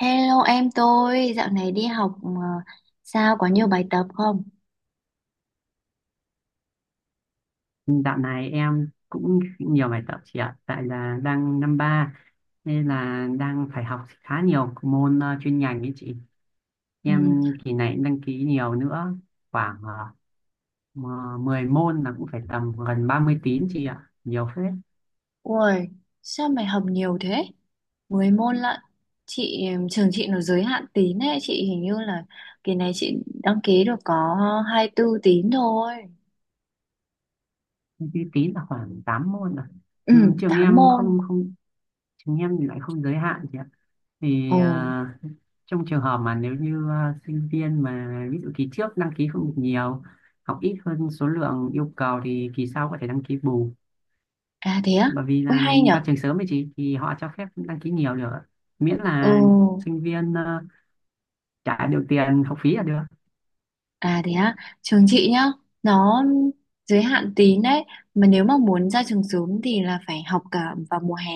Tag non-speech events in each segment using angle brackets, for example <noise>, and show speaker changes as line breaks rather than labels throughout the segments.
Hello em tôi, dạo này đi học mà sao có nhiều bài tập không?
Dạo này em cũng nhiều bài tập chị ạ, tại là đang năm ba nên là đang phải học khá nhiều môn chuyên ngành ấy chị.
Ừ.
Em kỳ này cũng đăng ký nhiều nữa, khoảng 10 môn, là cũng phải tầm gần 30 tín chị ạ, nhiều phết.
Ui, sao mày học nhiều thế? Mười môn lận. Chị trường chị nó giới hạn tín ấy, chị hình như là kỳ này chị đăng ký được có 24 tín thôi.
30 tín là khoảng 8 môn rồi.
Ừ,
Ừm, trường
8
em
môn.
không không Trường em thì lại không giới hạn chị ạ.
Ồ,
thì à, Trong trường hợp mà nếu như sinh viên mà ví dụ kỳ trước đăng ký không được nhiều, học ít hơn số lượng yêu cầu thì kỳ sau có thể đăng ký bù,
à thế á?
bởi vì
Ui
là
hay
ra
nhở?
trường sớm ấy chị, thì họ cho phép đăng ký nhiều được, miễn
Ừ.
là sinh viên trả được tiền học phí là được.
À thế á, trường chị nhá, nó giới hạn tín đấy, mà nếu mà muốn ra trường sớm thì là phải học cả vào mùa hè,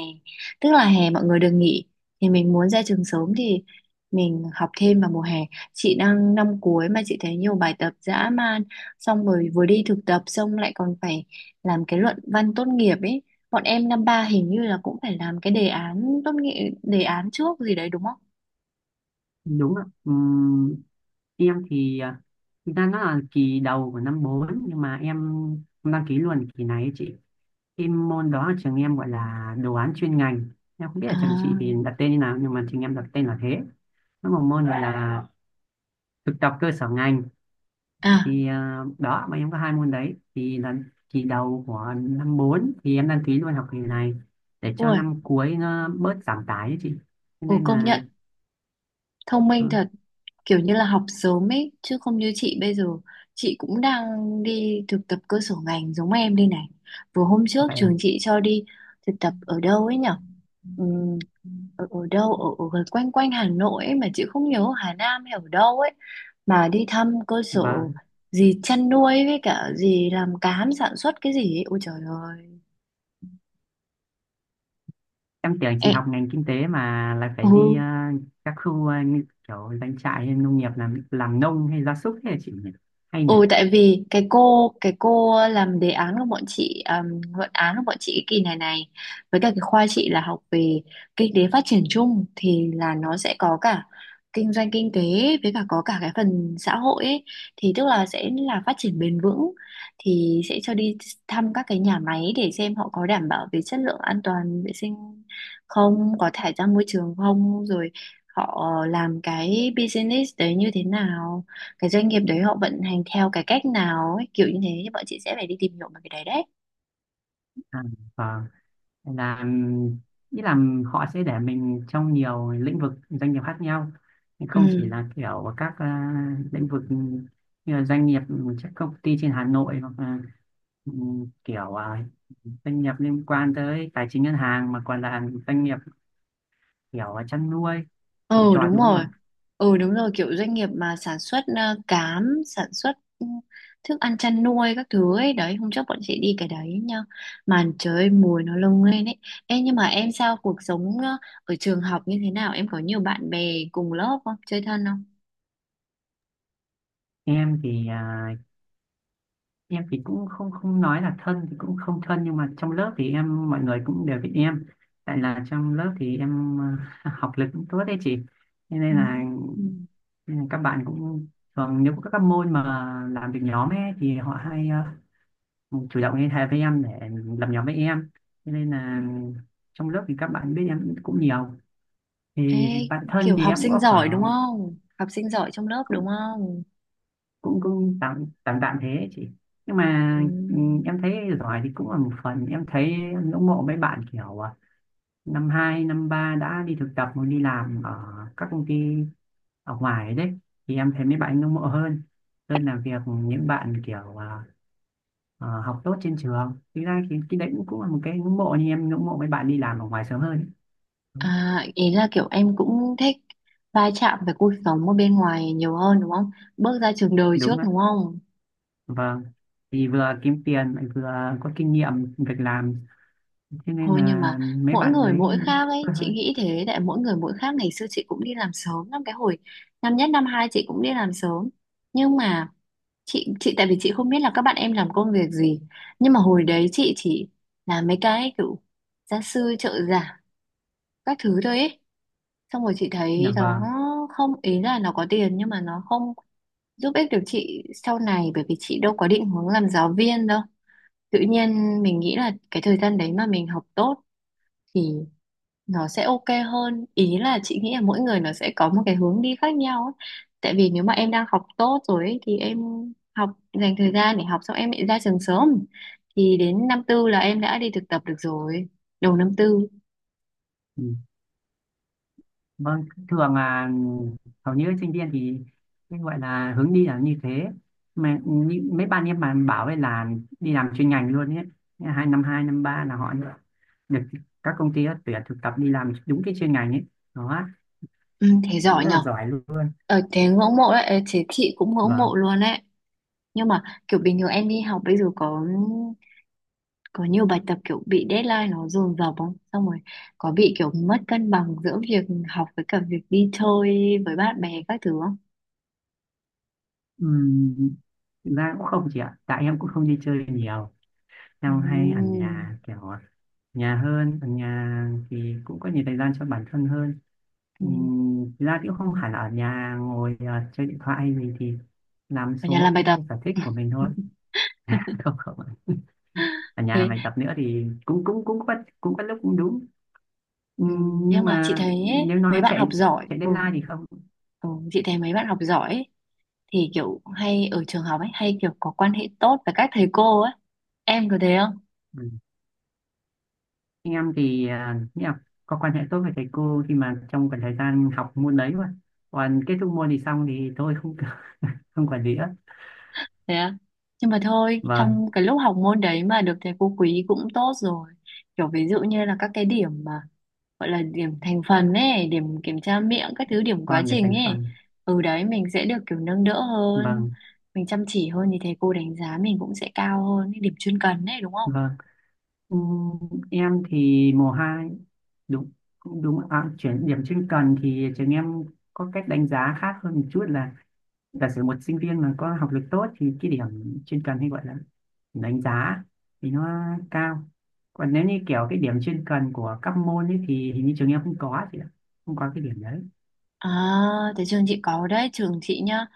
tức là hè mọi người được nghỉ, thì mình muốn ra trường sớm thì mình học thêm vào mùa hè. Chị đang năm cuối mà chị thấy nhiều bài tập dã man, xong rồi vừa đi thực tập xong lại còn phải làm cái luận văn tốt nghiệp ấy. Bọn em năm ba hình như là cũng phải làm cái đề án tốt nghiệp, đề án trước gì đấy đúng không?
Đúng ạ. Em thì thực ra nó là kỳ đầu của năm 4 nhưng mà em đăng ký luôn kỳ này ấy chị. Cái môn đó ở trường em gọi là đồ án chuyên ngành, em không biết ở
À,
trường chị thì đặt tên như nào nhưng mà trường em đặt tên là thế. Nó một môn gọi là thực tập cơ sở ngành,
à,
thì đó, bọn em có hai môn đấy thì là kỳ đầu của năm 4 thì em đăng ký luôn học kỳ này để cho
ui,
năm cuối nó bớt giảm tải ấy chị, cho
ồ,
nên
công
là.
nhận thông
ờ,
minh thật. Kiểu như là học sớm ấy chứ không như chị bây giờ, chị cũng đang đi thực tập cơ sở ngành giống em đây này. Vừa hôm trước
Vậy
trường
à.
chị cho đi thực tập ở đâu ấy nhở. Ừm, ở gần quanh quanh Hà Nội ấy mà chị không nhớ Hà Nam hay ở đâu ấy, mà đi thăm cơ sở
Vâng.
gì chăn nuôi với cả gì làm cám sản xuất cái gì ấy. Ôi trời ơi
Em tưởng chị
em,
học ngành kinh tế mà lại phải đi
ừ.
các khu như kiểu doanh trại hay nông nghiệp, làm nông hay gia súc thế là chị nhỉ, hay nhỉ.
Ừ, tại vì cái cô làm đề án của bọn chị, luận án của bọn chị cái kỳ này này, với cả cái khoa chị là học về kinh tế phát triển chung, thì là nó sẽ có cả kinh doanh kinh tế, với cả có cả cái phần xã hội ấy. Thì tức là sẽ là phát triển bền vững thì sẽ cho đi thăm các cái nhà máy để xem họ có đảm bảo về chất lượng an toàn vệ sinh, không có thải ra môi trường không, rồi họ làm cái business đấy như thế nào, cái doanh nghiệp đấy họ vận hành theo cái cách nào ấy, kiểu như thế, thì bọn chị sẽ phải đi tìm hiểu về cái đấy đấy.
à, vâng. Nên là nghĩ là họ sẽ để mình trong nhiều lĩnh vực doanh nghiệp khác nhau,
Ừ,
không chỉ là kiểu các lĩnh vực như là doanh nghiệp, các công ty trên Hà Nội, hoặc là ừ, kiểu doanh nghiệp liên quan tới tài chính ngân hàng mà còn là doanh nghiệp kiểu chăn nuôi trồng
ừ
trọt,
đúng
đúng không
rồi.
ạ.
Ừ đúng rồi, kiểu doanh nghiệp mà sản xuất cám, sản xuất ừ, thức ăn chăn nuôi các thứ ấy đấy. Hôm trước bọn chị đi cái đấy nha, màn trời mùi nó lông lên ấy. Ê, nhưng mà em sao cuộc sống ở trường học như thế nào, em có nhiều bạn bè cùng lớp không, chơi thân không?
Em thì em thì cũng không không nói là thân thì cũng không thân, nhưng mà trong lớp thì em mọi người cũng đều biết em, tại là trong lớp thì em <laughs> học lực cũng tốt đấy chị. Thế
Ừ.
nên là nên là các bạn cũng thường, nếu có các môn mà làm việc nhóm ấy thì họ hay ờ, chủ động liên hệ với em để làm nhóm với em. Thế nên là trong lớp thì các bạn biết em cũng nhiều,
Ê,
thì bạn thân
kiểu
thì
học
em
sinh
có
giỏi đúng
khoảng,
không, học sinh giỏi trong lớp đúng
cũng
không?
cũng cũng tạm tạm tạm thế ấy chị. Nhưng mà
Ừ.
ừ, em thấy giỏi thì cũng là một phần, em thấy em ngưỡng mộ mấy bạn kiểu năm hai năm ba đã đi thực tập hoặc đi làm ở các công ty ở ngoài đấy, thì em thấy mấy bạn ngưỡng mộ hơn, hơn là việc những bạn kiểu học tốt trên trường. Thực ra thì cái đấy cũng cũng là một cái ngưỡng mộ, nhưng em ngưỡng mộ mấy bạn đi làm ở ngoài sớm hơn.
À, ý là kiểu em cũng thích va chạm với cuộc sống ở bên ngoài nhiều hơn đúng không? Bước ra trường đời trước
Đúng ạ.
đúng không?
Vâng, thì vừa kiếm tiền lại vừa có kinh nghiệm việc làm, cho nên
Thôi nhưng
là
mà
mấy
mỗi
bạn
người
đấy
mỗi khác ấy, chị nghĩ thế, tại mỗi người mỗi khác. Ngày xưa chị cũng đi làm sớm lắm, cái hồi năm nhất năm hai chị cũng đi làm sớm. Nhưng mà chị tại vì chị không biết là các bạn em làm công việc gì. Nhưng mà hồi đấy chị chỉ làm mấy cái kiểu gia sư trợ giả các thứ thôi ấy. Xong rồi chị
là.
thấy nó
Vâng.
không, ý là nó có tiền nhưng mà nó không giúp ích được chị sau này, bởi vì chị đâu có định hướng làm giáo viên đâu. Tự nhiên mình nghĩ là cái thời gian đấy mà mình học tốt thì nó sẽ ok hơn, ý là chị nghĩ là mỗi người nó sẽ có một cái hướng đi khác nhau ấy. Tại vì nếu mà em đang học tốt rồi ấy, thì em học, dành thời gian để học, xong em lại ra trường sớm, thì đến năm tư là em đã đi thực tập được rồi, đầu năm tư.
Ừ. Vâng, thường là hầu như sinh viên thì cái gọi là hướng đi là như thế, mà như, mấy bạn em mà bảo ấy là đi làm chuyên ngành luôn ấy, hai năm ba là họ được được các công ty tuyển thực tập đi làm đúng cái chuyên ngành ấy, đó
Ừ, thế giỏi
rất là
nhở.
giỏi luôn.
Thế ngưỡng mộ đấy, thế chị cũng ngưỡng mộ
Vâng.
luôn đấy. Nhưng mà kiểu bình thường em đi học bây giờ có nhiều bài tập kiểu bị deadline nó dồn dập không, xong rồi có bị kiểu mất cân bằng giữa việc học với cả việc đi chơi với bạn bè các thứ không?
Ừm, Thực ra cũng không chị ạ, tại em cũng không đi chơi nhiều, em hay ở
Ừm.
nhà, kiểu nhà hơn, ở nhà thì cũng có nhiều thời gian cho bản thân hơn.
Ừm,
Thực ra thì cũng không hẳn là ở nhà ngồi chơi điện thoại hay gì, thì làm
ở nhà
số
làm bài
cái
tập.
sở thích của mình thôi.
<laughs>
<laughs> không không ở nhà làm
Thế.
bài tập nữa thì cũng cũng cũng có, cũng có lúc cũng đúng.
Ừm, nhưng
Nhưng
mà chị
mà
thấy ấy,
nếu
mấy
nói
bạn học
chạy,
giỏi, ừ,
deadline thì không.
ừ chị thấy mấy bạn học giỏi ấy, thì kiểu hay ở trường học ấy, hay kiểu có quan hệ tốt với các thầy cô ấy, em có thế?
Ừ. Anh em thì nghĩ là có quan hệ tốt với thầy cô khi mà trong khoảng thời gian học môn đấy, mà còn kết thúc môn thì xong thì thôi, không <laughs> không quản lý nữa.
Thế à? Nhưng mà thôi,
Vâng.
trong cái lúc học môn đấy mà được thầy cô quý cũng tốt rồi. Kiểu ví dụ như là các cái điểm mà gọi là điểm thành phần ấy, điểm kiểm tra miệng, các thứ điểm quá
Vâng, để
trình
thành
ấy.
phần.
Ừ đấy, mình sẽ được kiểu nâng đỡ hơn,
Vâng.
mình chăm chỉ hơn thì thầy cô đánh giá mình cũng sẽ cao hơn, cái điểm chuyên cần ấy đúng không?
Vâng. Ừm, em thì mùa hai, đúng, đúng, chuyển điểm chuyên cần thì trường em có cách đánh giá khác hơn một chút là giả sử một sinh viên mà có học lực tốt thì cái điểm chuyên cần hay gọi là điểm đánh giá thì nó cao, còn nếu như kiểu cái điểm chuyên cần của các môn ấy thì hình như trường em không có chị ạ, không có cái điểm đấy.
À, thế trường chị có đấy, trường chị nhá,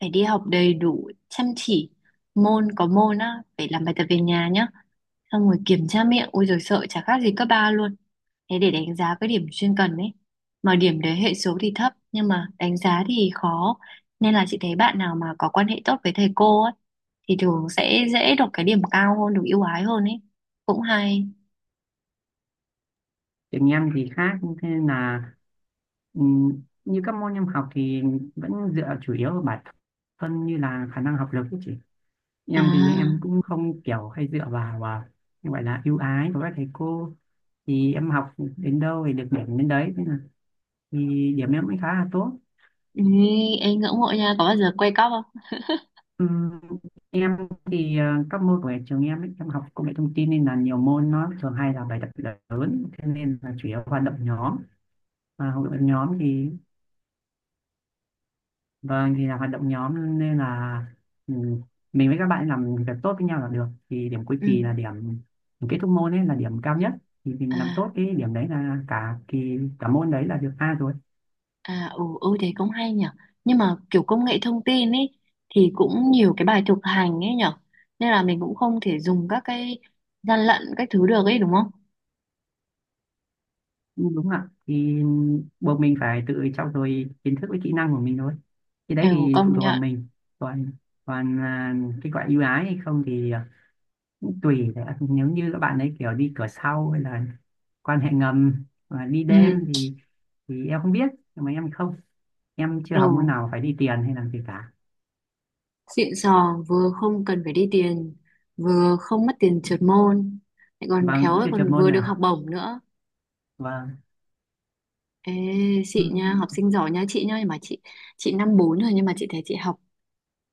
phải đi học đầy đủ, chăm chỉ, môn có môn á, phải làm bài tập về nhà nhá, xong rồi kiểm tra miệng, ôi rồi sợ chả khác gì cấp 3 luôn, thế để đánh giá cái điểm chuyên cần ấy, mà điểm đấy hệ số thì thấp, nhưng mà đánh giá thì khó, nên là chị thấy bạn nào mà có quan hệ tốt với thầy cô ấy, thì thường sẽ dễ được cái điểm cao hơn, được ưu ái hơn ấy, cũng hay.
Trường em thì khác, thế nên là như các môn em học thì vẫn dựa chủ yếu vào bản thân, như là khả năng học lực ấy chị. Em thì em
À,
cũng không kiểu hay dựa vào như gọi là ưu ái của các thầy cô, thì em học đến đâu thì được điểm đến đấy, thế là thì điểm em cũng khá là tốt.
ý, em ngưỡng mộ nha, có bao giờ quay cóp không?
Ừm, em thì các môn của trường em ấy, em học công nghệ thông tin nên là nhiều môn nó thường hay là bài tập lớn, thế nên là chủ yếu hoạt động nhóm, và hoạt động nhóm thì. Vâng, thì là hoạt động nhóm nên là ừ, mình với các bạn làm việc tốt với nhau là được. Thì điểm cuối
Ừ.
kỳ là điểm kết thúc môn ấy là điểm cao nhất. Thì
À.
mình làm tốt cái điểm đấy là cả kỳ cả môn đấy là được A rồi.
À ừ, ừ thế cũng hay nhở. Nhưng mà kiểu công nghệ thông tin ấy thì cũng nhiều cái bài thực hành ấy nhở, nên là mình cũng không thể dùng các cái gian lận các thứ được ấy đúng không?
Ừ. Đúng ạ. Thì buộc mình phải tự trau dồi kiến thức với kỹ năng của mình thôi. Cái
Ừ
đấy thì phụ
công
thuộc vào
nhận.
mình. Còn còn à, cái gọi ưu ái hay không thì tùy đấy, nếu như các bạn ấy kiểu đi cửa sau hay là quan hệ ngầm và đi
Ừ,
đêm thì em không biết, nhưng mà em không, em chưa
ừ.
học môn nào phải đi tiền hay làm gì cả.
Xịn sò, vừa không cần phải đi tiền, vừa không mất tiền trượt môn, lại còn
Vâng,
khéo
cũng
lại
chưa chọn
còn
môn
vừa được học
nào.
bổng nữa.
Vâng.
Ê,
Ừ.
chị nha, học sinh giỏi nha, chị nha, nhưng mà chị năm bốn rồi nhưng mà chị thấy chị học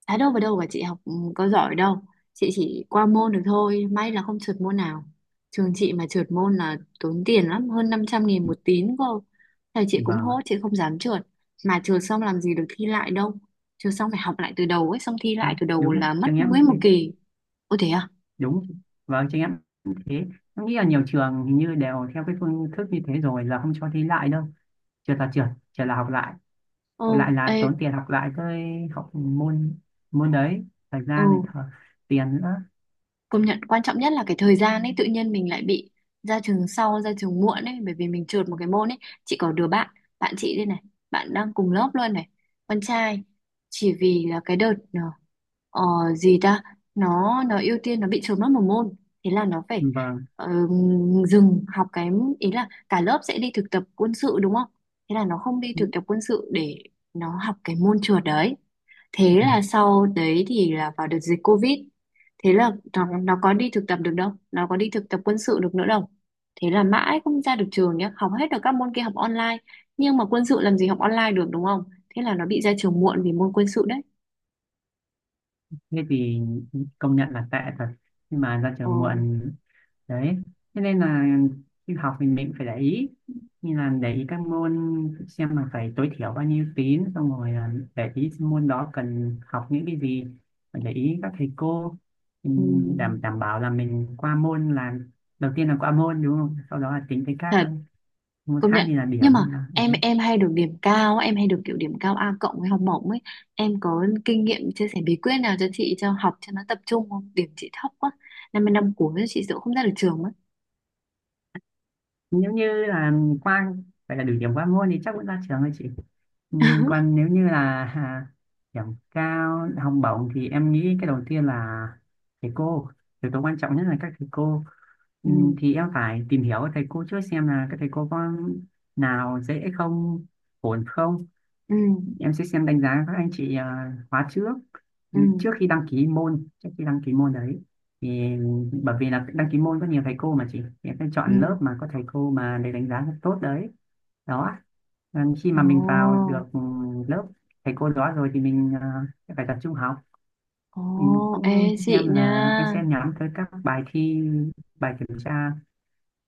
Thái đâu vào đâu cả, chị học ừ, có giỏi đâu, chị chỉ qua môn được thôi, may là không trượt môn nào. Trường chị mà trượt môn là tốn tiền lắm, hơn 500.000 một tín cơ, thầy chị cũng
Vâng.
hốt, chị không dám trượt. Mà trượt xong làm gì được thi lại đâu, trượt xong phải học lại từ đầu ấy, xong thi lại
Đúng,
từ đầu
đúng ạ.
là mất
Trường em
nguyên
cũng
một
thế.
kỳ. Ôi thế à.
Đúng. Vâng, trường em cũng thế. Em nghĩ là nhiều trường hình như đều theo cái phương thức như thế rồi, là không cho thi lại đâu, trượt là trượt, trượt là học lại,
Ừ.
học lại
Ê.
là tốn tiền học lại cái học môn môn đấy, thời
Ừ.
gian này tiền nữa.
Công nhận quan trọng nhất là cái thời gian ấy, tự nhiên mình lại bị ra trường sau, ra trường muộn ấy, bởi vì mình trượt một cái môn ấy. Chị có đứa bạn, bạn chị đây này, bạn đang cùng lớp luôn này, con trai, chỉ vì là cái đợt ờ, gì ta, nó ưu tiên, nó bị trượt mất một môn, thế là nó phải
Vâng,
ờ, dừng học cái, ý là cả lớp sẽ đi thực tập quân sự đúng không, thế là nó không đi thực tập quân sự để nó học cái môn trượt đấy. Thế là sau đấy thì là vào đợt dịch Covid, thế là nó có đi thực tập được đâu, nó có đi thực tập quân sự được nữa đâu, thế là mãi không ra được trường nhá, học hết được các môn kia học online, nhưng mà quân sự làm gì học online được đúng không, thế là nó bị ra trường muộn vì môn quân sự đấy.
thế thì công nhận là tệ thật, nhưng mà ra
Ồ.
trường muộn đấy, thế nên là khi học thì mình phải để ý, như là để ý các môn, xem là phải tối thiểu bao nhiêu tín, xong rồi là để ý môn đó cần học những cái gì, phải để ý các thầy cô. Đảm
Ừm,
đảm bảo là mình qua môn là đầu tiên, là qua môn đúng không, sau đó là tính tới các
thật.
môn
Công
khác
nhận.
như là
Nhưng
điểm
mà
hay là
em
đấy.
em hay được điểm cao á, em hay được kiểu điểm cao A cộng với học bổng ấy, em có kinh nghiệm chia sẻ bí quyết nào cho chị, cho học cho nó tập trung không, điểm chị thấp quá, năm mươi năm cuối chị sợ không ra được trường mất.
Nếu như là qua, phải là đủ điểm qua môn thì chắc vẫn ra trường thôi chị. Ừ, còn
<laughs>
nếu như là điểm cao học bổng thì em nghĩ cái đầu tiên là thầy cô, yếu tố quan trọng nhất là các thầy cô. Ừ,
Ừ.
thì em phải tìm hiểu các thầy cô trước, xem là các thầy cô có nào dễ không, ổn không.
Ừ.
Em sẽ xem đánh giá các anh chị khóa trước,
Ừ.
trước khi đăng ký môn trước khi đăng ký môn đấy, thì bởi vì là đăng ký môn có nhiều thầy cô mà chị, thì em sẽ
Ừ.
chọn lớp mà có thầy cô mà để đánh giá tốt đấy, đó. Ừ, khi
<laughs>
mà mình vào được
Ồ.
lớp thầy cô đó rồi thì mình sẽ phải tập trung học.
Ồ,
Mình cũng
ê chị
xem,
nha.
là em sẽ nhắm tới các bài thi, bài kiểm tra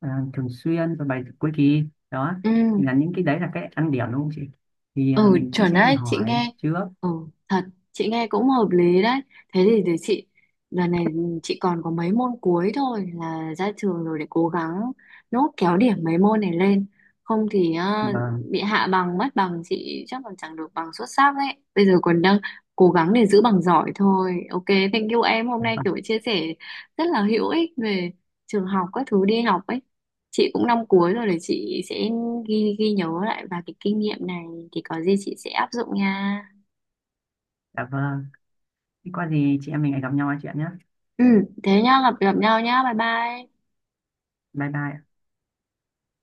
thường xuyên và bài cuối kỳ, đó
Ừ,
thì là những cái đấy là cái ăn điểm đúng không chị, thì
ừ
mình cũng
chuẩn
sẽ đi
đấy, chị
hỏi
nghe.
trước
Ừ, thật, chị nghe cũng hợp lý đấy. Thế thì để chị, đợt này chị còn có mấy môn cuối thôi là ra trường rồi, để cố gắng nốt kéo điểm mấy môn này lên. Không thì
và.
bị hạ bằng, mất bằng, chị chắc còn chẳng được bằng xuất sắc đấy. Bây giờ còn đang cố gắng để giữ bằng giỏi thôi. Ok, thank you em. Hôm nay
Vâng,
kiểu chia sẻ rất là hữu ích về trường học các thứ đi học ấy. Chị cũng năm cuối rồi, để chị sẽ ghi ghi nhớ lại, và cái kinh nghiệm này thì có gì chị sẽ áp dụng nha.
dạ vâng. Thế có gì chị em mình lại gặp nhau nói chuyện nhé.
Ừ, thế nhá, gặp gặp nhau nhá, bye bye.
Bye bye ạ.